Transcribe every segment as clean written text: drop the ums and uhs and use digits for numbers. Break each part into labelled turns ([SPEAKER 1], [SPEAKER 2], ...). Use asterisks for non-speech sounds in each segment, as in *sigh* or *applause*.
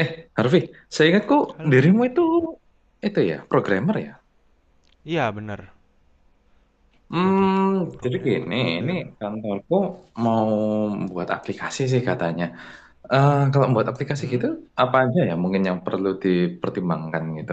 [SPEAKER 1] Eh, Harvey, saya ingat kok
[SPEAKER 2] Halo,
[SPEAKER 1] dirimu
[SPEAKER 2] halo.
[SPEAKER 1] itu ya, programmer ya.
[SPEAKER 2] Iya, benar. Sebagai
[SPEAKER 1] Jadi
[SPEAKER 2] programmer,
[SPEAKER 1] gini, ini
[SPEAKER 2] coder.
[SPEAKER 1] kantorku mau buat aplikasi sih katanya. Eh, kalau buat aplikasi
[SPEAKER 2] Mm-mm.
[SPEAKER 1] gitu, apa aja ya mungkin yang perlu dipertimbangkan gitu?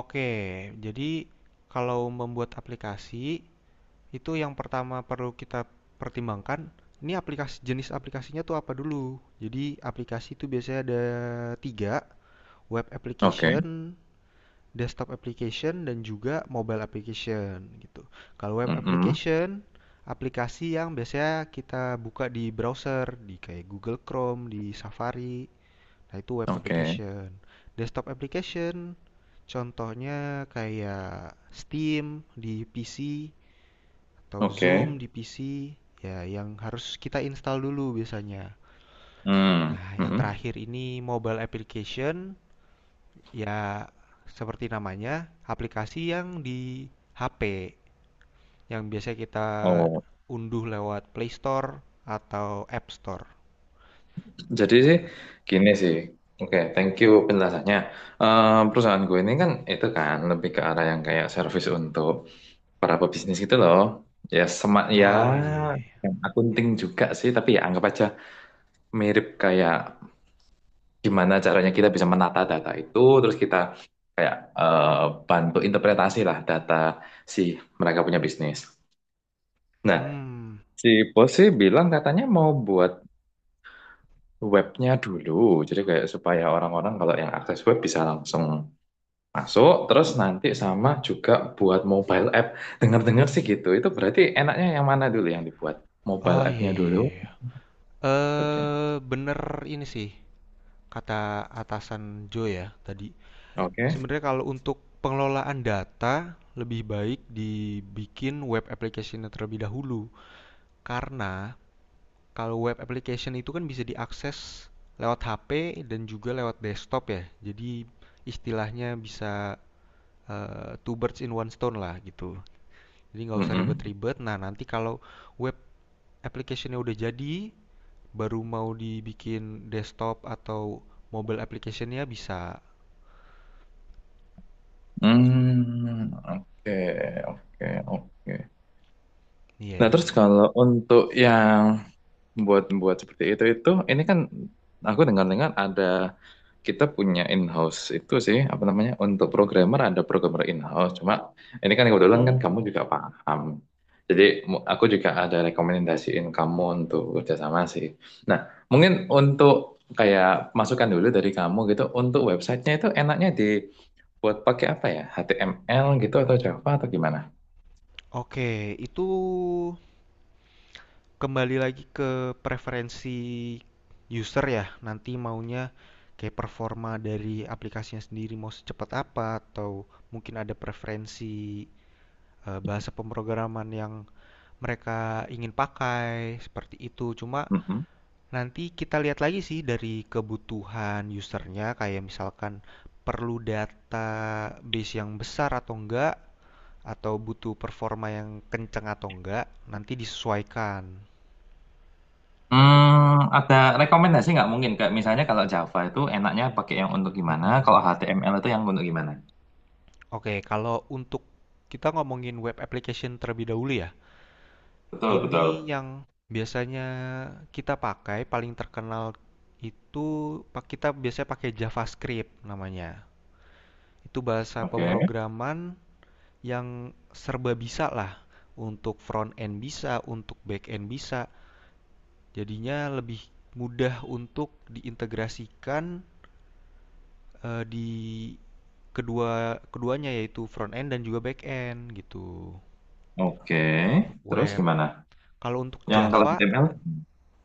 [SPEAKER 2] Oke, jadi kalau membuat aplikasi, itu yang pertama perlu kita pertimbangkan, ini aplikasi jenis aplikasinya tuh apa dulu. Jadi aplikasi itu biasanya ada tiga, web
[SPEAKER 1] Oke.
[SPEAKER 2] application, desktop application, dan juga mobile application gitu. Kalau web
[SPEAKER 1] Mm-mm.
[SPEAKER 2] application, aplikasi yang biasanya kita buka di browser, di kayak Google Chrome, di Safari. Nah, itu web
[SPEAKER 1] Oke.
[SPEAKER 2] application. Desktop application contohnya kayak Steam di PC atau Zoom
[SPEAKER 1] Oke.
[SPEAKER 2] di PC, ya yang harus kita install dulu biasanya.
[SPEAKER 1] Hmm.
[SPEAKER 2] Nah, yang
[SPEAKER 1] Mm-mm.
[SPEAKER 2] terakhir ini mobile application, ya seperti namanya, aplikasi yang di HP yang biasa kita
[SPEAKER 1] Oh,
[SPEAKER 2] unduh lewat Play Store atau App Store.
[SPEAKER 1] jadi sih
[SPEAKER 2] Nah,
[SPEAKER 1] gini sih. Oke, thank you penjelasannya. Eh, perusahaan gue ini kan itu kan lebih ke arah yang kayak service untuk para pebisnis gitu loh. Ya sama ya
[SPEAKER 2] oh, iya, iya. Iya.
[SPEAKER 1] yang akunting juga sih, tapi ya anggap aja mirip kayak gimana caranya kita bisa menata data itu, terus kita kayak bantu interpretasi lah data si mereka punya bisnis.
[SPEAKER 2] Yeah.
[SPEAKER 1] Nah,
[SPEAKER 2] Hmm.
[SPEAKER 1] si bos sih bilang katanya mau buat webnya dulu, jadi kayak supaya orang-orang kalau yang akses web bisa langsung masuk, terus nanti sama juga buat mobile app. Dengar-dengar sih gitu, itu berarti enaknya yang mana dulu yang dibuat? Mobile
[SPEAKER 2] Oh, iya,
[SPEAKER 1] app-nya
[SPEAKER 2] iya.
[SPEAKER 1] dulu?
[SPEAKER 2] Iya. Yeah.
[SPEAKER 1] Webnya?
[SPEAKER 2] Bener ini sih, kata atasan Joe ya tadi.
[SPEAKER 1] Oke.
[SPEAKER 2] Sebenarnya kalau untuk pengelolaan data, lebih baik dibikin web application-nya terlebih dahulu. Karena kalau web application itu kan bisa diakses lewat HP dan juga lewat desktop ya. Jadi istilahnya bisa, two birds in one stone lah gitu. Jadi nggak usah
[SPEAKER 1] Mm-mm.
[SPEAKER 2] ribet-ribet. Nah, nanti kalau web application-nya udah jadi, baru mau dibikin desktop atau mobile application-nya bisa.
[SPEAKER 1] Hmm. Oke, oke, oke.
[SPEAKER 2] Iya,
[SPEAKER 1] Nah,
[SPEAKER 2] iya,
[SPEAKER 1] terus
[SPEAKER 2] iya.
[SPEAKER 1] kalau untuk yang buat-buat seperti itu, ini kan aku dengar-dengar ada kita punya in-house itu sih apa namanya untuk programmer, ada programmer in-house. Cuma ini kan kebetulan kan
[SPEAKER 2] Mm-mm.
[SPEAKER 1] kamu juga paham. Jadi aku juga ada rekomendasiin kamu untuk kerjasama sih. Nah, mungkin untuk kayak masukan dulu dari kamu gitu untuk websitenya itu enaknya di buat pakai apa ya? HTML gitu atau Java atau gimana?
[SPEAKER 2] Oke, itu kembali lagi ke preferensi user ya. Nanti maunya kayak performa dari aplikasinya sendiri mau secepat apa, atau mungkin ada preferensi bahasa pemrograman yang mereka ingin pakai seperti itu. Cuma,
[SPEAKER 1] Mhm.
[SPEAKER 2] nanti kita lihat lagi sih dari kebutuhan usernya, kayak misalkan perlu database yang besar atau enggak, atau butuh performa yang kenceng atau enggak, nanti disesuaikan.
[SPEAKER 1] Hmm, ada rekomendasi nggak mungkin? Kayak misalnya kalau Java itu enaknya pakai yang untuk
[SPEAKER 2] Mm,
[SPEAKER 1] gimana,
[SPEAKER 2] mm,
[SPEAKER 1] kalau
[SPEAKER 2] mm.
[SPEAKER 1] HTML itu yang untuk gimana?
[SPEAKER 2] Oke, kalau untuk kita ngomongin web application terlebih dahulu ya,
[SPEAKER 1] Betul,
[SPEAKER 2] ini
[SPEAKER 1] betul.
[SPEAKER 2] yang biasanya kita pakai paling terkenal itu kita biasanya pakai JavaScript namanya. Itu bahasa
[SPEAKER 1] Oke.
[SPEAKER 2] pemrograman yang serba bisa lah, untuk front end bisa, untuk back end bisa. Jadinya lebih mudah untuk diintegrasikan di kedua keduanya, yaitu front end dan juga back end gitu.
[SPEAKER 1] Oke.
[SPEAKER 2] Untuk
[SPEAKER 1] Terus
[SPEAKER 2] web.
[SPEAKER 1] gimana?
[SPEAKER 2] Kalau untuk
[SPEAKER 1] Yang kalau
[SPEAKER 2] Java
[SPEAKER 1] HTML?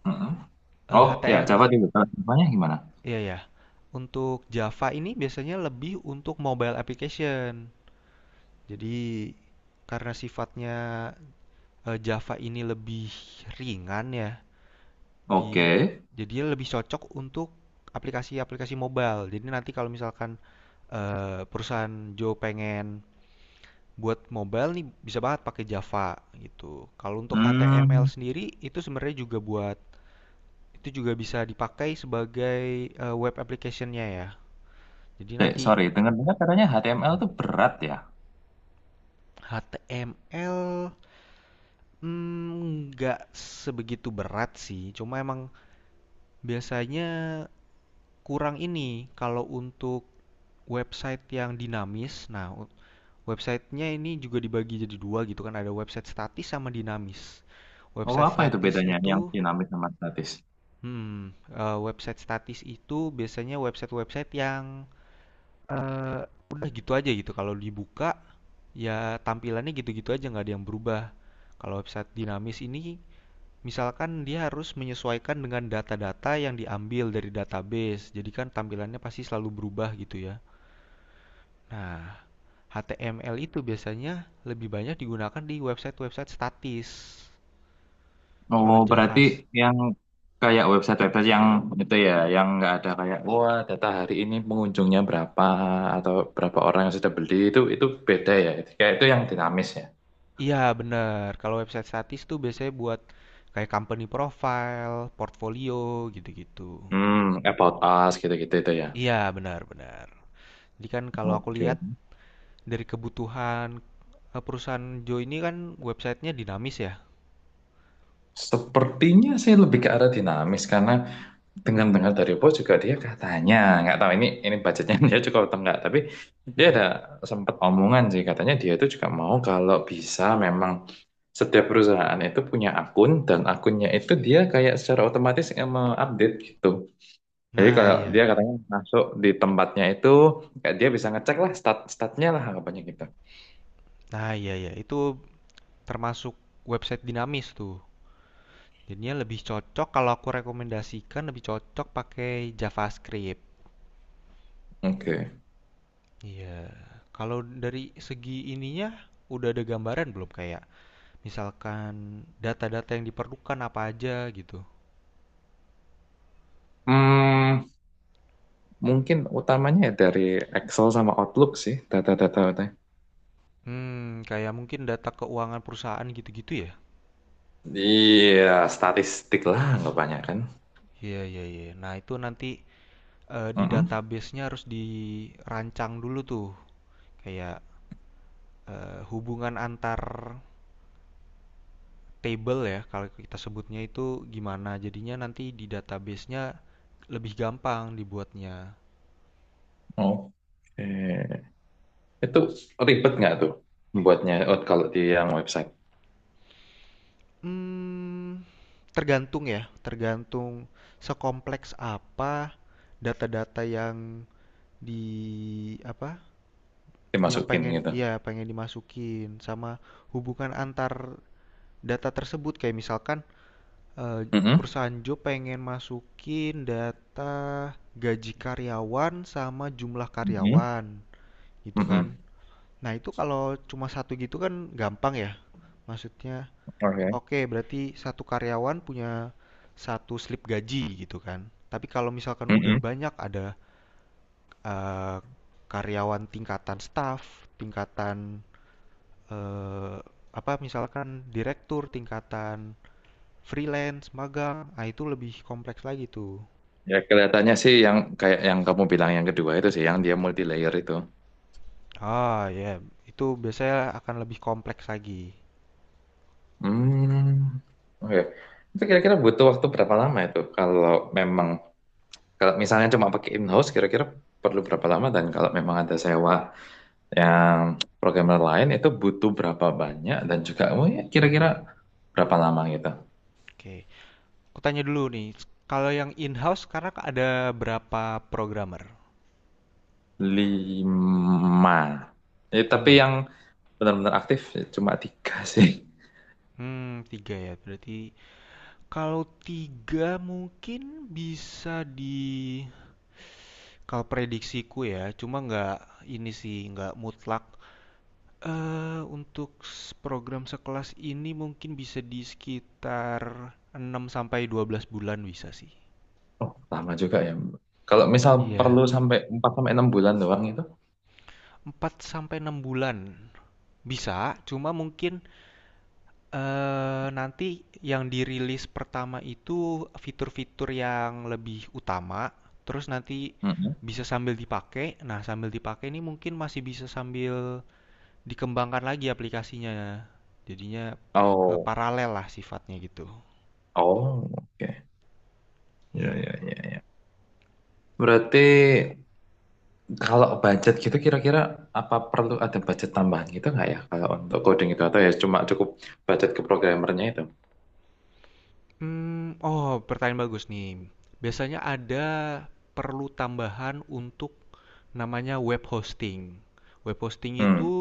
[SPEAKER 1] Mm-mm. Oh, ya
[SPEAKER 2] HTM.
[SPEAKER 1] Java juga. Kalau Javanya gimana?
[SPEAKER 2] Iya, ya. Ya. Untuk Java ini biasanya lebih untuk mobile application. Jadi karena sifatnya Java ini lebih ringan ya, di
[SPEAKER 1] Oke.
[SPEAKER 2] jadinya lebih cocok untuk aplikasi-aplikasi mobile. Jadi nanti kalau misalkan perusahaan Joe pengen buat mobile nih, bisa banget pakai Java gitu. Kalau untuk HTML
[SPEAKER 1] Hmm,
[SPEAKER 2] sendiri itu sebenarnya juga buat itu juga bisa dipakai sebagai web application-nya ya. Jadi nanti
[SPEAKER 1] sorry. Dengar-dengar katanya HTML
[SPEAKER 2] mm,
[SPEAKER 1] itu berat ya.
[SPEAKER 2] HTML mm, nggak sebegitu berat sih. Cuma emang biasanya kurang ini kalau untuk website yang dinamis. Nah, websitenya ini juga dibagi jadi dua gitu kan. Ada website statis sama dinamis.
[SPEAKER 1] Oh,
[SPEAKER 2] Website
[SPEAKER 1] apa itu
[SPEAKER 2] statis
[SPEAKER 1] bedanya
[SPEAKER 2] itu,
[SPEAKER 1] yang dinamis sama statis?
[SPEAKER 2] website statis itu biasanya website-website yang eh, udah gitu aja gitu. Kalau dibuka ya tampilannya gitu-gitu aja, nggak ada yang berubah. Kalau website dinamis ini, misalkan dia harus menyesuaikan dengan data-data yang diambil dari database. Jadi kan tampilannya pasti selalu berubah gitu ya. Nah, HTML itu biasanya lebih banyak digunakan di website-website statis. Kalau
[SPEAKER 1] Oh, berarti
[SPEAKER 2] Java.
[SPEAKER 1] yang kayak website-website yang itu ya, yang nggak ada kayak wah data hari ini pengunjungnya berapa atau berapa orang yang sudah beli itu beda ya. Kayak itu yang dinamis ya.
[SPEAKER 2] Iya, bener. Kalau website statis tuh biasanya buat kayak company profile, portfolio, gitu-gitu.
[SPEAKER 1] Hmm, about us gitu-gitu itu ya.
[SPEAKER 2] Iya, benar-benar. Jadi kan kalau aku
[SPEAKER 1] Oke.
[SPEAKER 2] lihat dari kebutuhan perusahaan Joe ini kan websitenya dinamis ya.
[SPEAKER 1] Sepertinya sih lebih ke arah dinamis karena dengar-dengar dari bos juga dia katanya nggak tahu ini budgetnya *laughs* dia cukup atau enggak tapi dia
[SPEAKER 2] Mm.
[SPEAKER 1] ada sempat omongan sih katanya dia itu juga mau kalau bisa memang setiap perusahaan itu punya akun dan akunnya itu dia kayak secara otomatis yang mengupdate gitu, jadi
[SPEAKER 2] Nah,
[SPEAKER 1] kalau
[SPEAKER 2] iya,
[SPEAKER 1] dia katanya masuk di tempatnya itu kayak dia bisa ngecek lah statnya lah harapannya gitu.
[SPEAKER 2] nah iya ya, itu termasuk website dinamis tuh. Jadinya lebih cocok, kalau aku rekomendasikan, lebih cocok pakai JavaScript.
[SPEAKER 1] Oke.
[SPEAKER 2] Iya, kalau dari segi ininya udah ada gambaran belum, kayak misalkan data-data yang diperlukan apa aja gitu.
[SPEAKER 1] Hmm, mungkin utamanya ya dari Excel sama Outlook sih data-data.
[SPEAKER 2] Hmm, kayak mungkin data keuangan perusahaan gitu-gitu ya?
[SPEAKER 1] Iya, statistik lah anggapannya kan.
[SPEAKER 2] Iya, iya, iya. Nah, itu nanti di
[SPEAKER 1] Mm-mm.
[SPEAKER 2] database-nya harus dirancang dulu tuh. Kayak hubungan antar table ya, kalau kita sebutnya itu gimana. Jadinya nanti di database-nya lebih gampang dibuatnya.
[SPEAKER 1] Oke. Itu ribet nggak tuh buatnya? Oh, kalau di yang website
[SPEAKER 2] Mmm, tergantung ya, tergantung sekompleks apa data-data yang di apa, yang
[SPEAKER 1] dimasukin
[SPEAKER 2] pengen
[SPEAKER 1] gitu?
[SPEAKER 2] ya, pengen dimasukin, sama hubungan antar data tersebut. Kayak misalkan, eee,
[SPEAKER 1] Mm-mm.
[SPEAKER 2] perusahaan job pengen masukin data gaji karyawan sama jumlah
[SPEAKER 1] Mm-mm.
[SPEAKER 2] karyawan, gitu
[SPEAKER 1] Mm-mm.
[SPEAKER 2] kan. Nah, itu kalau cuma satu gitu kan gampang ya, maksudnya.
[SPEAKER 1] Oke.
[SPEAKER 2] Oke, berarti satu karyawan punya satu slip gaji gitu kan. Tapi kalau misalkan udah
[SPEAKER 1] Mm-mm.
[SPEAKER 2] banyak, ada eh, karyawan tingkatan staff, tingkatan eh, apa misalkan direktur, tingkatan freelance, magang, ah itu lebih kompleks lagi tuh.
[SPEAKER 1] Ya kelihatannya sih yang kayak yang kamu bilang yang kedua itu sih yang dia multi layer itu.
[SPEAKER 2] Ah ya, itu biasanya akan lebih kompleks lagi.
[SPEAKER 1] Hmm. Oke. Itu kira-kira butuh waktu berapa lama itu kalau memang kalau misalnya cuma pakai in-house kira-kira perlu berapa lama, dan kalau memang ada sewa yang programmer lain itu butuh berapa banyak, dan juga oh ya, kira-kira
[SPEAKER 2] Hmm,
[SPEAKER 1] berapa lama gitu?
[SPEAKER 2] oke. Aku tanya dulu nih, kalau yang in-house sekarang ada berapa programmer?
[SPEAKER 1] Lima. Eh, tapi
[SPEAKER 2] 5?
[SPEAKER 1] yang benar-benar aktif ya cuma tiga *laughs* sih.
[SPEAKER 2] Hmm, tiga ya. Berarti. Kalau 3 mungkin bisa kalau prediksiku ya, cuma nggak ini sih, nggak mutlak. Untuk program sekelas ini mungkin bisa di sekitar 6 sampai 12 bulan bisa sih.
[SPEAKER 1] Oh, lama juga ya. Kalau misal
[SPEAKER 2] Iya, yeah.
[SPEAKER 1] perlu sampai 4 sampai 6 bulan doang itu?
[SPEAKER 2] 4 sampai 6 bulan bisa, cuma mungkin. Nanti yang dirilis pertama itu fitur-fitur yang lebih utama, terus nanti
[SPEAKER 1] Mm-mm.
[SPEAKER 2] bisa sambil dipakai. Nah, sambil dipakai ini mungkin masih bisa sambil dikembangkan lagi aplikasinya. Jadinya,
[SPEAKER 1] Oh,
[SPEAKER 2] paralel lah sifatnya gitu.
[SPEAKER 1] oh, oke. Ya,
[SPEAKER 2] Iya.
[SPEAKER 1] ya, ya, ya. Berarti kalau budget gitu kira-kira apa perlu ada budget tambahan gitu nggak ya kalau untuk coding itu atau ya cuma cukup budget ke programmernya itu?
[SPEAKER 2] Oh, pertanyaan bagus nih. Biasanya ada perlu tambahan untuk namanya web hosting. Web hosting itu.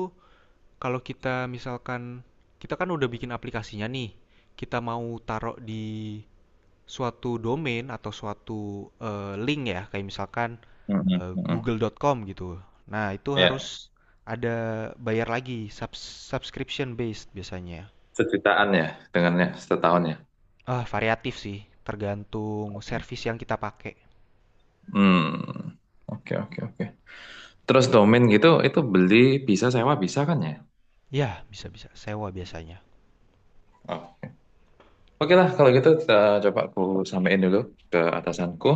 [SPEAKER 2] Kalau kita misalkan kita kan udah bikin aplikasinya nih, kita mau taruh di suatu domain atau suatu link ya, kayak misalkan
[SPEAKER 1] Mm-mm, mm-mm.
[SPEAKER 2] google.com gitu. Nah, itu harus
[SPEAKER 1] Ya,
[SPEAKER 2] ada bayar lagi, subscription based biasanya.
[SPEAKER 1] sejutaan ya dengannya setahun ya.
[SPEAKER 2] Ah, variatif sih, tergantung
[SPEAKER 1] Oke.
[SPEAKER 2] service yang kita pakai.
[SPEAKER 1] Hmm, oke, oke, oke. Terus domain gitu itu beli bisa sewa bisa kan ya?
[SPEAKER 2] Ya, bisa-bisa sewa biasanya.
[SPEAKER 1] Oh. Oke lah kalau gitu kita coba aku sampaikan dulu ke atasanku.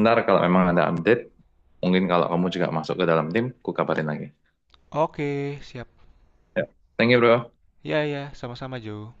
[SPEAKER 1] Ntar kalau memang ada update, mungkin kalau kamu juga masuk ke dalam tim, ku kabarin lagi.
[SPEAKER 2] Oke, siap.
[SPEAKER 1] Ya. Thank you bro.
[SPEAKER 2] Ya, ya, sama-sama, Jo.